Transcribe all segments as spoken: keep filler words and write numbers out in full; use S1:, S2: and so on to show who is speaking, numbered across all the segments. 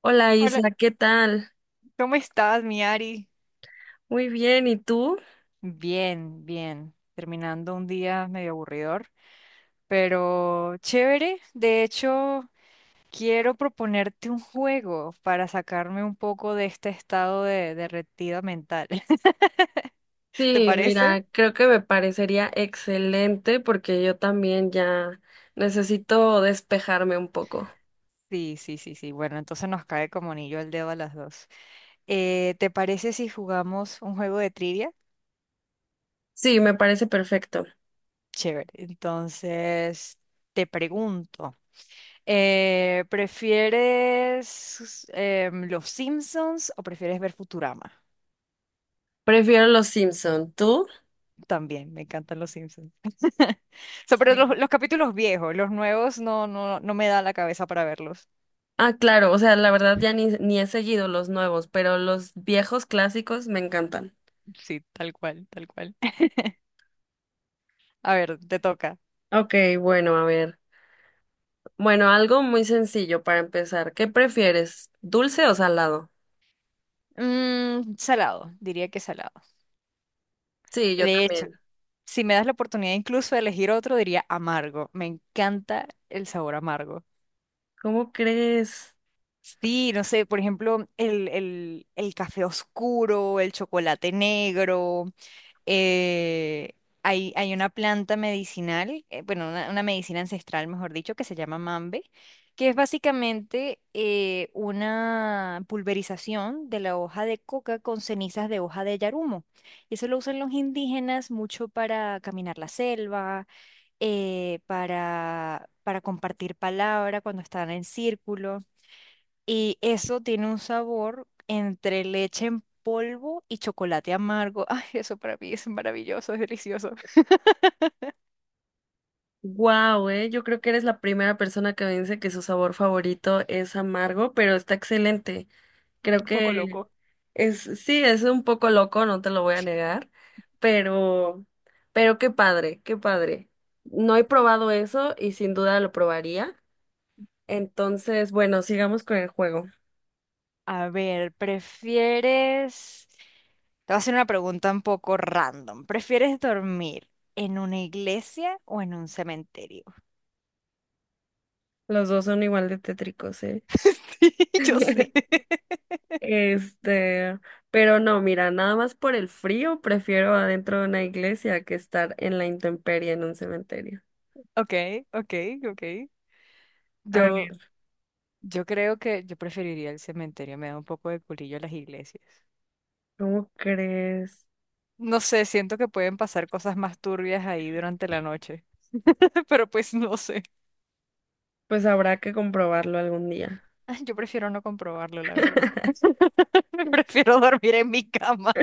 S1: Hola
S2: Hola,
S1: Isa, ¿qué tal?
S2: ¿cómo estás, mi Ari?
S1: Muy bien, ¿y tú?
S2: Bien, bien. Terminando un día medio aburridor, pero chévere. De hecho, quiero proponerte un juego para sacarme un poco de este estado de derretida mental. ¿Te
S1: Sí,
S2: parece?
S1: mira, creo que me parecería excelente porque yo también ya necesito despejarme un poco.
S2: Sí, sí, sí, sí. Bueno, entonces nos cae como anillo al dedo a las dos. Eh, ¿te parece si jugamos un juego de trivia?
S1: Sí, me parece perfecto.
S2: Chévere. Entonces, te pregunto. Eh, ¿prefieres em, Los Simpsons o prefieres ver Futurama?
S1: Prefiero los Simpson, ¿tú?
S2: También, me encantan Los Simpsons. So, pero los,
S1: Sí.
S2: los capítulos viejos, los nuevos no, no, no me da la cabeza para verlos.
S1: Ah, claro, o sea, la verdad ya ni, ni he seguido los nuevos, pero los viejos clásicos me encantan.
S2: Sí, tal cual, tal cual. A ver, te toca.
S1: Ok, bueno, a ver. Bueno, algo muy sencillo para empezar. ¿Qué prefieres? ¿Dulce o salado?
S2: Mm, salado, diría que salado.
S1: Sí, yo
S2: De hecho,
S1: también.
S2: si me das la oportunidad incluso de elegir otro, diría amargo. Me encanta el sabor amargo.
S1: ¿Cómo crees?
S2: Sí, no sé, por ejemplo, el, el- el café oscuro, el chocolate negro, eh, hay, hay una planta medicinal, eh, bueno, una, una medicina ancestral, mejor dicho, que se llama mambe, que es básicamente eh, una pulverización de la hoja de coca con cenizas de hoja de yarumo. Y eso lo usan los indígenas mucho para caminar la selva, eh, para, para compartir palabra cuando están en círculo. Y eso tiene un sabor entre leche en polvo y chocolate amargo. Ay, eso para mí es maravilloso, es delicioso,
S1: Wow, eh, yo creo que eres la primera persona que me dice que su sabor favorito es amargo, pero está excelente. Creo
S2: un poco
S1: que
S2: loco.
S1: es, sí, es un poco loco, no te lo voy a negar, pero, pero qué padre, qué padre. No he probado eso y sin duda lo probaría. Entonces, bueno, sigamos con el juego.
S2: A ver, ¿prefieres... Te voy a hacer una pregunta un poco random. ¿Prefieres dormir en una iglesia o en un cementerio?
S1: Los dos son igual de tétricos, ¿eh?
S2: Yo sé.
S1: Este, pero no, mira, nada más por el frío prefiero adentro de una iglesia que estar en la intemperie en un cementerio.
S2: Ok, ok, ok.
S1: A
S2: Yo,
S1: ver,
S2: yo creo que yo preferiría el cementerio, me da un poco de culillo las iglesias.
S1: ¿cómo crees?
S2: No sé, siento que pueden pasar cosas más turbias ahí durante la noche, pero pues no sé.
S1: Pues habrá que comprobarlo algún día.
S2: Yo prefiero no comprobarlo, la verdad. Prefiero dormir en mi cama.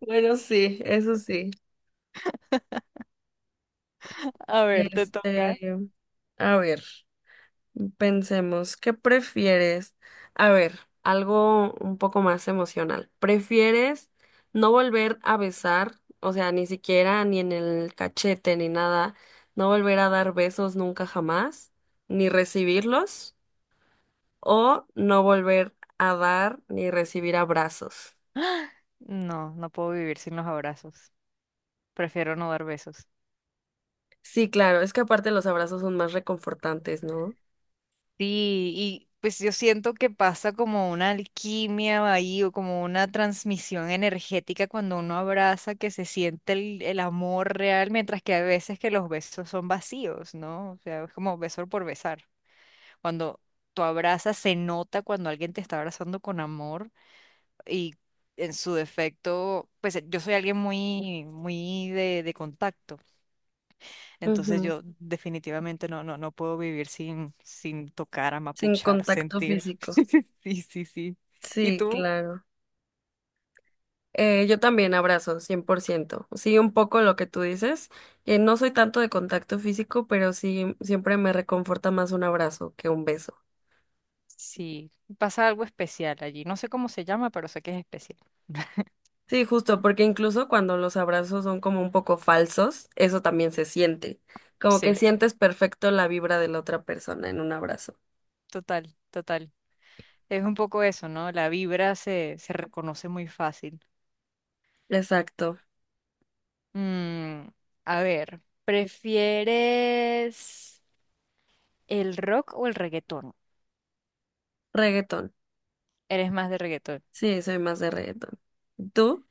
S1: Bueno, sí, eso sí.
S2: A ver, te toca.
S1: Este, a ver. Pensemos, ¿qué prefieres? A ver, algo un poco más emocional. ¿Prefieres no volver a besar, o sea, ni siquiera ni en el cachete ni nada, no volver a dar besos nunca jamás, ni recibirlos, o no volver a dar ni recibir abrazos?
S2: No, no puedo vivir sin los abrazos. Prefiero no dar besos.
S1: Sí, claro, es que aparte los abrazos son más reconfortantes, ¿no?
S2: Sí, y pues yo siento que pasa como una alquimia ahí o como una transmisión energética cuando uno abraza, que se siente el, el amor real, mientras que a veces que los besos son vacíos, ¿no? O sea, es como beso por besar. Cuando tú abrazas, se nota cuando alguien te está abrazando con amor y en su defecto, pues eh, yo soy alguien muy, muy de, de contacto, entonces
S1: Ujú.
S2: yo definitivamente no, no, no puedo vivir sin, sin tocar,
S1: Sin
S2: amapuchar,
S1: contacto
S2: sentir.
S1: físico.
S2: Sí, sí, sí. ¿Y
S1: Sí,
S2: tú?
S1: claro. Eh, yo también abrazo, cien por ciento. Sí, un poco lo que tú dices, que no soy tanto de contacto físico, pero sí, siempre me reconforta más un abrazo que un beso.
S2: Sí, pasa algo especial allí. No sé cómo se llama, pero sé que es especial.
S1: Sí, justo, porque incluso cuando los abrazos son como un poco falsos, eso también se siente, como que
S2: Sí,
S1: sientes perfecto la vibra de la otra persona en un abrazo.
S2: total, total. Es un poco eso, ¿no? La vibra se, se reconoce muy fácil.
S1: Exacto.
S2: Mm, a ver, ¿prefieres el rock o el reggaetón?
S1: Reggaetón.
S2: ¿Eres más de reggaetón?
S1: Sí, soy más de reggaetón. ¿Tú?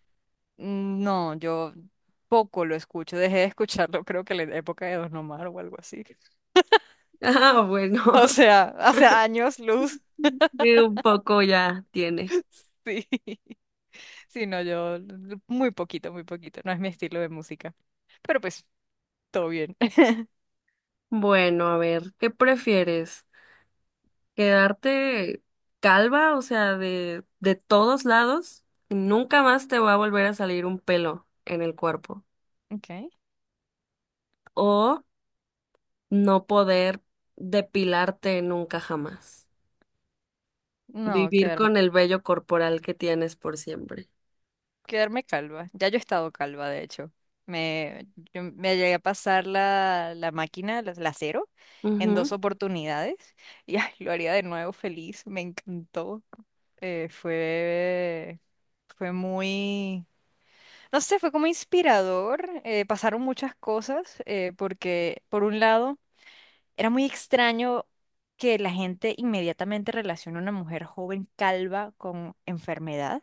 S2: Mm, No, yo poco lo escucho. Dejé de escucharlo, creo que en la época de Don Omar o algo así.
S1: Ah, bueno,
S2: O sea, hace años luz,
S1: sí, un poco ya tiene.
S2: sí. Sí, no, yo l- muy poquito, muy poquito. No es mi estilo de música. Pero pues, todo bien.
S1: Bueno, a ver, ¿qué prefieres? Quedarte calva, o sea, de, de todos lados, y nunca más te va a volver a salir un pelo en el cuerpo.
S2: Ok.
S1: O no poder depilarte nunca jamás.
S2: No,
S1: Vivir
S2: quedarme.
S1: con el vello corporal que tienes por siempre.
S2: Quedarme calva. Ya yo he estado calva, de hecho. Me, yo me llegué a pasar la, la máquina, la, la cero, en dos
S1: Ujú.
S2: oportunidades. Y ay, lo haría de nuevo feliz. Me encantó. Eh, fue, fue muy, no sé, fue como inspirador. Eh, pasaron muchas cosas eh, porque, por un lado, era muy extraño que la gente inmediatamente relacione a una mujer joven calva con enfermedad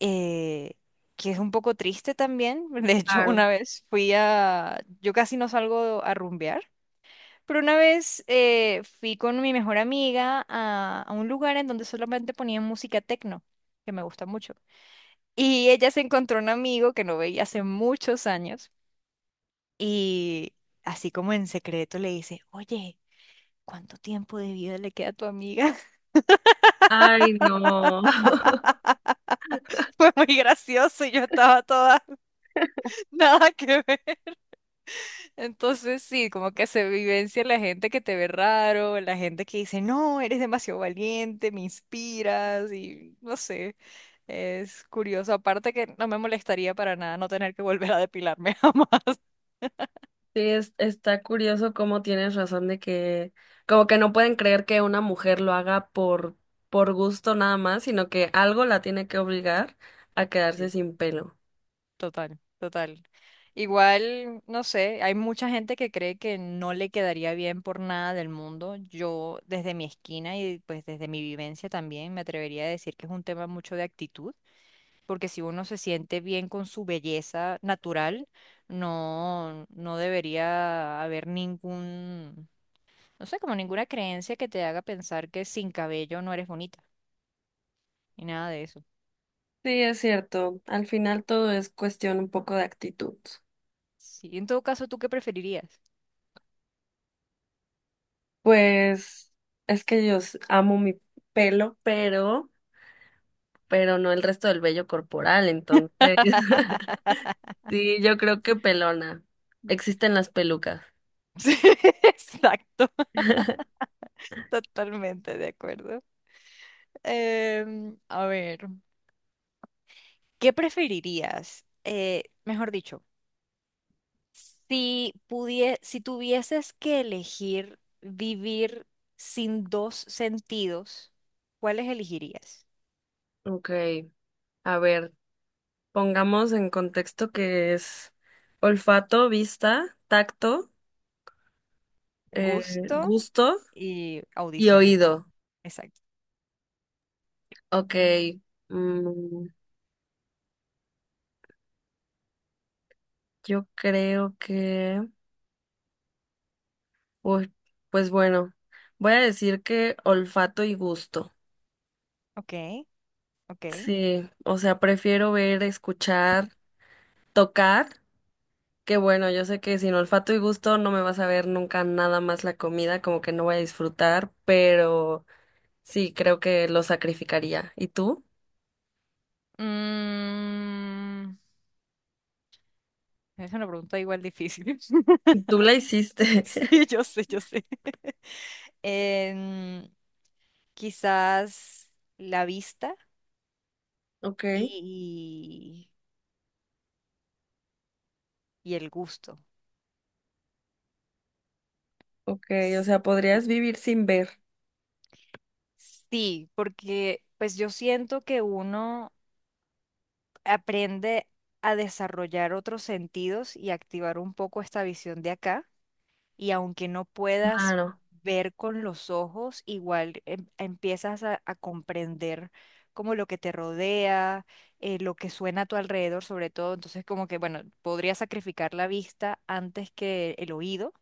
S2: eh, que es un poco triste también. De hecho,
S1: Claro.
S2: una vez fui a, yo casi no salgo a rumbear, pero una vez eh, fui con mi mejor amiga a, a, un lugar en donde solamente ponían música techno, que me gusta mucho. Y ella se encontró un amigo que no veía hace muchos años y así como en secreto le dice, oye. ¿Cuánto tiempo de vida le queda a tu amiga?
S1: Ay, no.
S2: Fue muy gracioso y yo estaba toda, nada que ver. Entonces sí, como que se vivencia la gente que te ve raro, la gente que dice, no, eres demasiado valiente, me inspiras y no sé, es curioso. Aparte que no me molestaría para nada no tener que volver a depilarme jamás.
S1: Sí, es- está curioso cómo tienes razón de que, como que no pueden creer que una mujer lo haga por, por gusto nada más, sino que algo la tiene que obligar a quedarse
S2: Sí,
S1: sin pelo.
S2: total, total. Igual, no sé, hay mucha gente que cree que no le quedaría bien por nada del mundo. Yo desde mi esquina y pues desde mi vivencia también me atrevería a decir que es un tema mucho de actitud porque si uno se siente bien con su belleza natural, no, no debería haber ningún, no sé, como ninguna creencia que te haga pensar que sin cabello no eres bonita, ni nada de eso.
S1: Sí, es cierto. Al final todo es cuestión un poco de actitud.
S2: Sí, en todo caso, ¿tú qué preferirías?
S1: Pues es que yo s- amo mi pelo, pero, pero no el resto del vello corporal, entonces. Sí, yo creo que pelona. Existen las pelucas.
S2: Sí, Exacto, totalmente de acuerdo. Em, a ver, ¿qué preferirías? Eh, mejor dicho, Si pudie- si tuvieses que elegir vivir sin dos sentidos, ¿cuáles elegirías?
S1: Ok, a ver. Pongamos en contexto que es olfato, vista, tacto, eh,
S2: Gusto
S1: gusto
S2: y
S1: y
S2: audición.
S1: oído.
S2: Exacto.
S1: Ok, mm, yo creo que... Uy, pues bueno, voy a decir que olfato y gusto.
S2: Ok, ok.
S1: Sí, o sea, prefiero ver, escuchar, tocar, que bueno, yo sé que sin olfato y gusto no me vas a ver nunca nada más la comida, como que no voy a disfrutar, pero sí, creo que lo sacrificaría. ¿Y tú?
S2: Mm, es una pregunta igual difícil.
S1: Tú la hiciste.
S2: Sí, yo sé, yo sé. Em, Quizás la vista
S1: Ok,
S2: y, y el gusto.
S1: ok, o sea, podrías vivir sin ver.
S2: Sí, porque pues yo siento que uno aprende a desarrollar otros sentidos y activar un poco esta visión de acá y aunque no puedas
S1: Claro.
S2: ver con los ojos, igual em- empiezas a, a comprender como lo que te rodea, eh, lo que suena a tu alrededor, sobre todo. Entonces, como que, bueno, podría sacrificar la vista antes que el oído,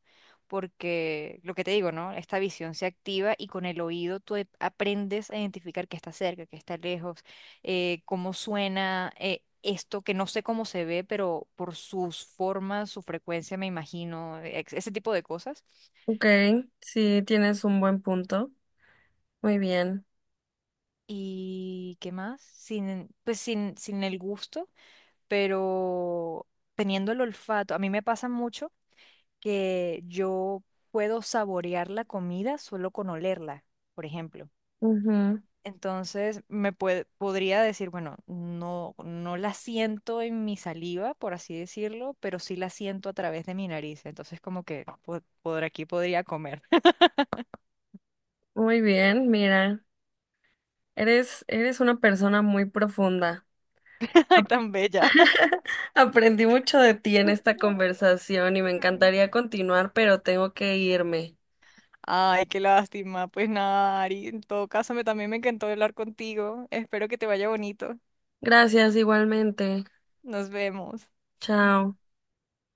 S2: porque lo que te digo, ¿no? Esta visión se activa y con el oído tú e- aprendes a identificar que está cerca, que está lejos eh, cómo suena eh, esto, que no sé cómo se ve, pero por sus formas, su frecuencia, me imagino, ex- ese tipo de cosas.
S1: Ok, sí, tienes un buen punto. Muy bien.
S2: ¿Y qué más? Sin, pues sin, sin el gusto, pero teniendo el olfato. A mí me pasa mucho que yo puedo saborear la comida solo con olerla, por ejemplo.
S1: Ujú.
S2: Entonces me puede- podría decir, bueno, no, no la siento en mi saliva, por así decirlo, pero sí la siento a través de mi nariz. Entonces como que po- por aquí podría comer.
S1: Muy bien, mira, eres, eres una persona muy profunda.
S2: Ay,
S1: Ap-
S2: tan bella.
S1: Aprendí mucho de ti en esta conversación y me encantaría continuar, pero tengo que irme.
S2: Ay, qué lástima. Pues nada, Ari, en todo caso me, también me encantó hablar contigo. Espero que te vaya bonito.
S1: Gracias igualmente.
S2: Nos vemos.
S1: Chao.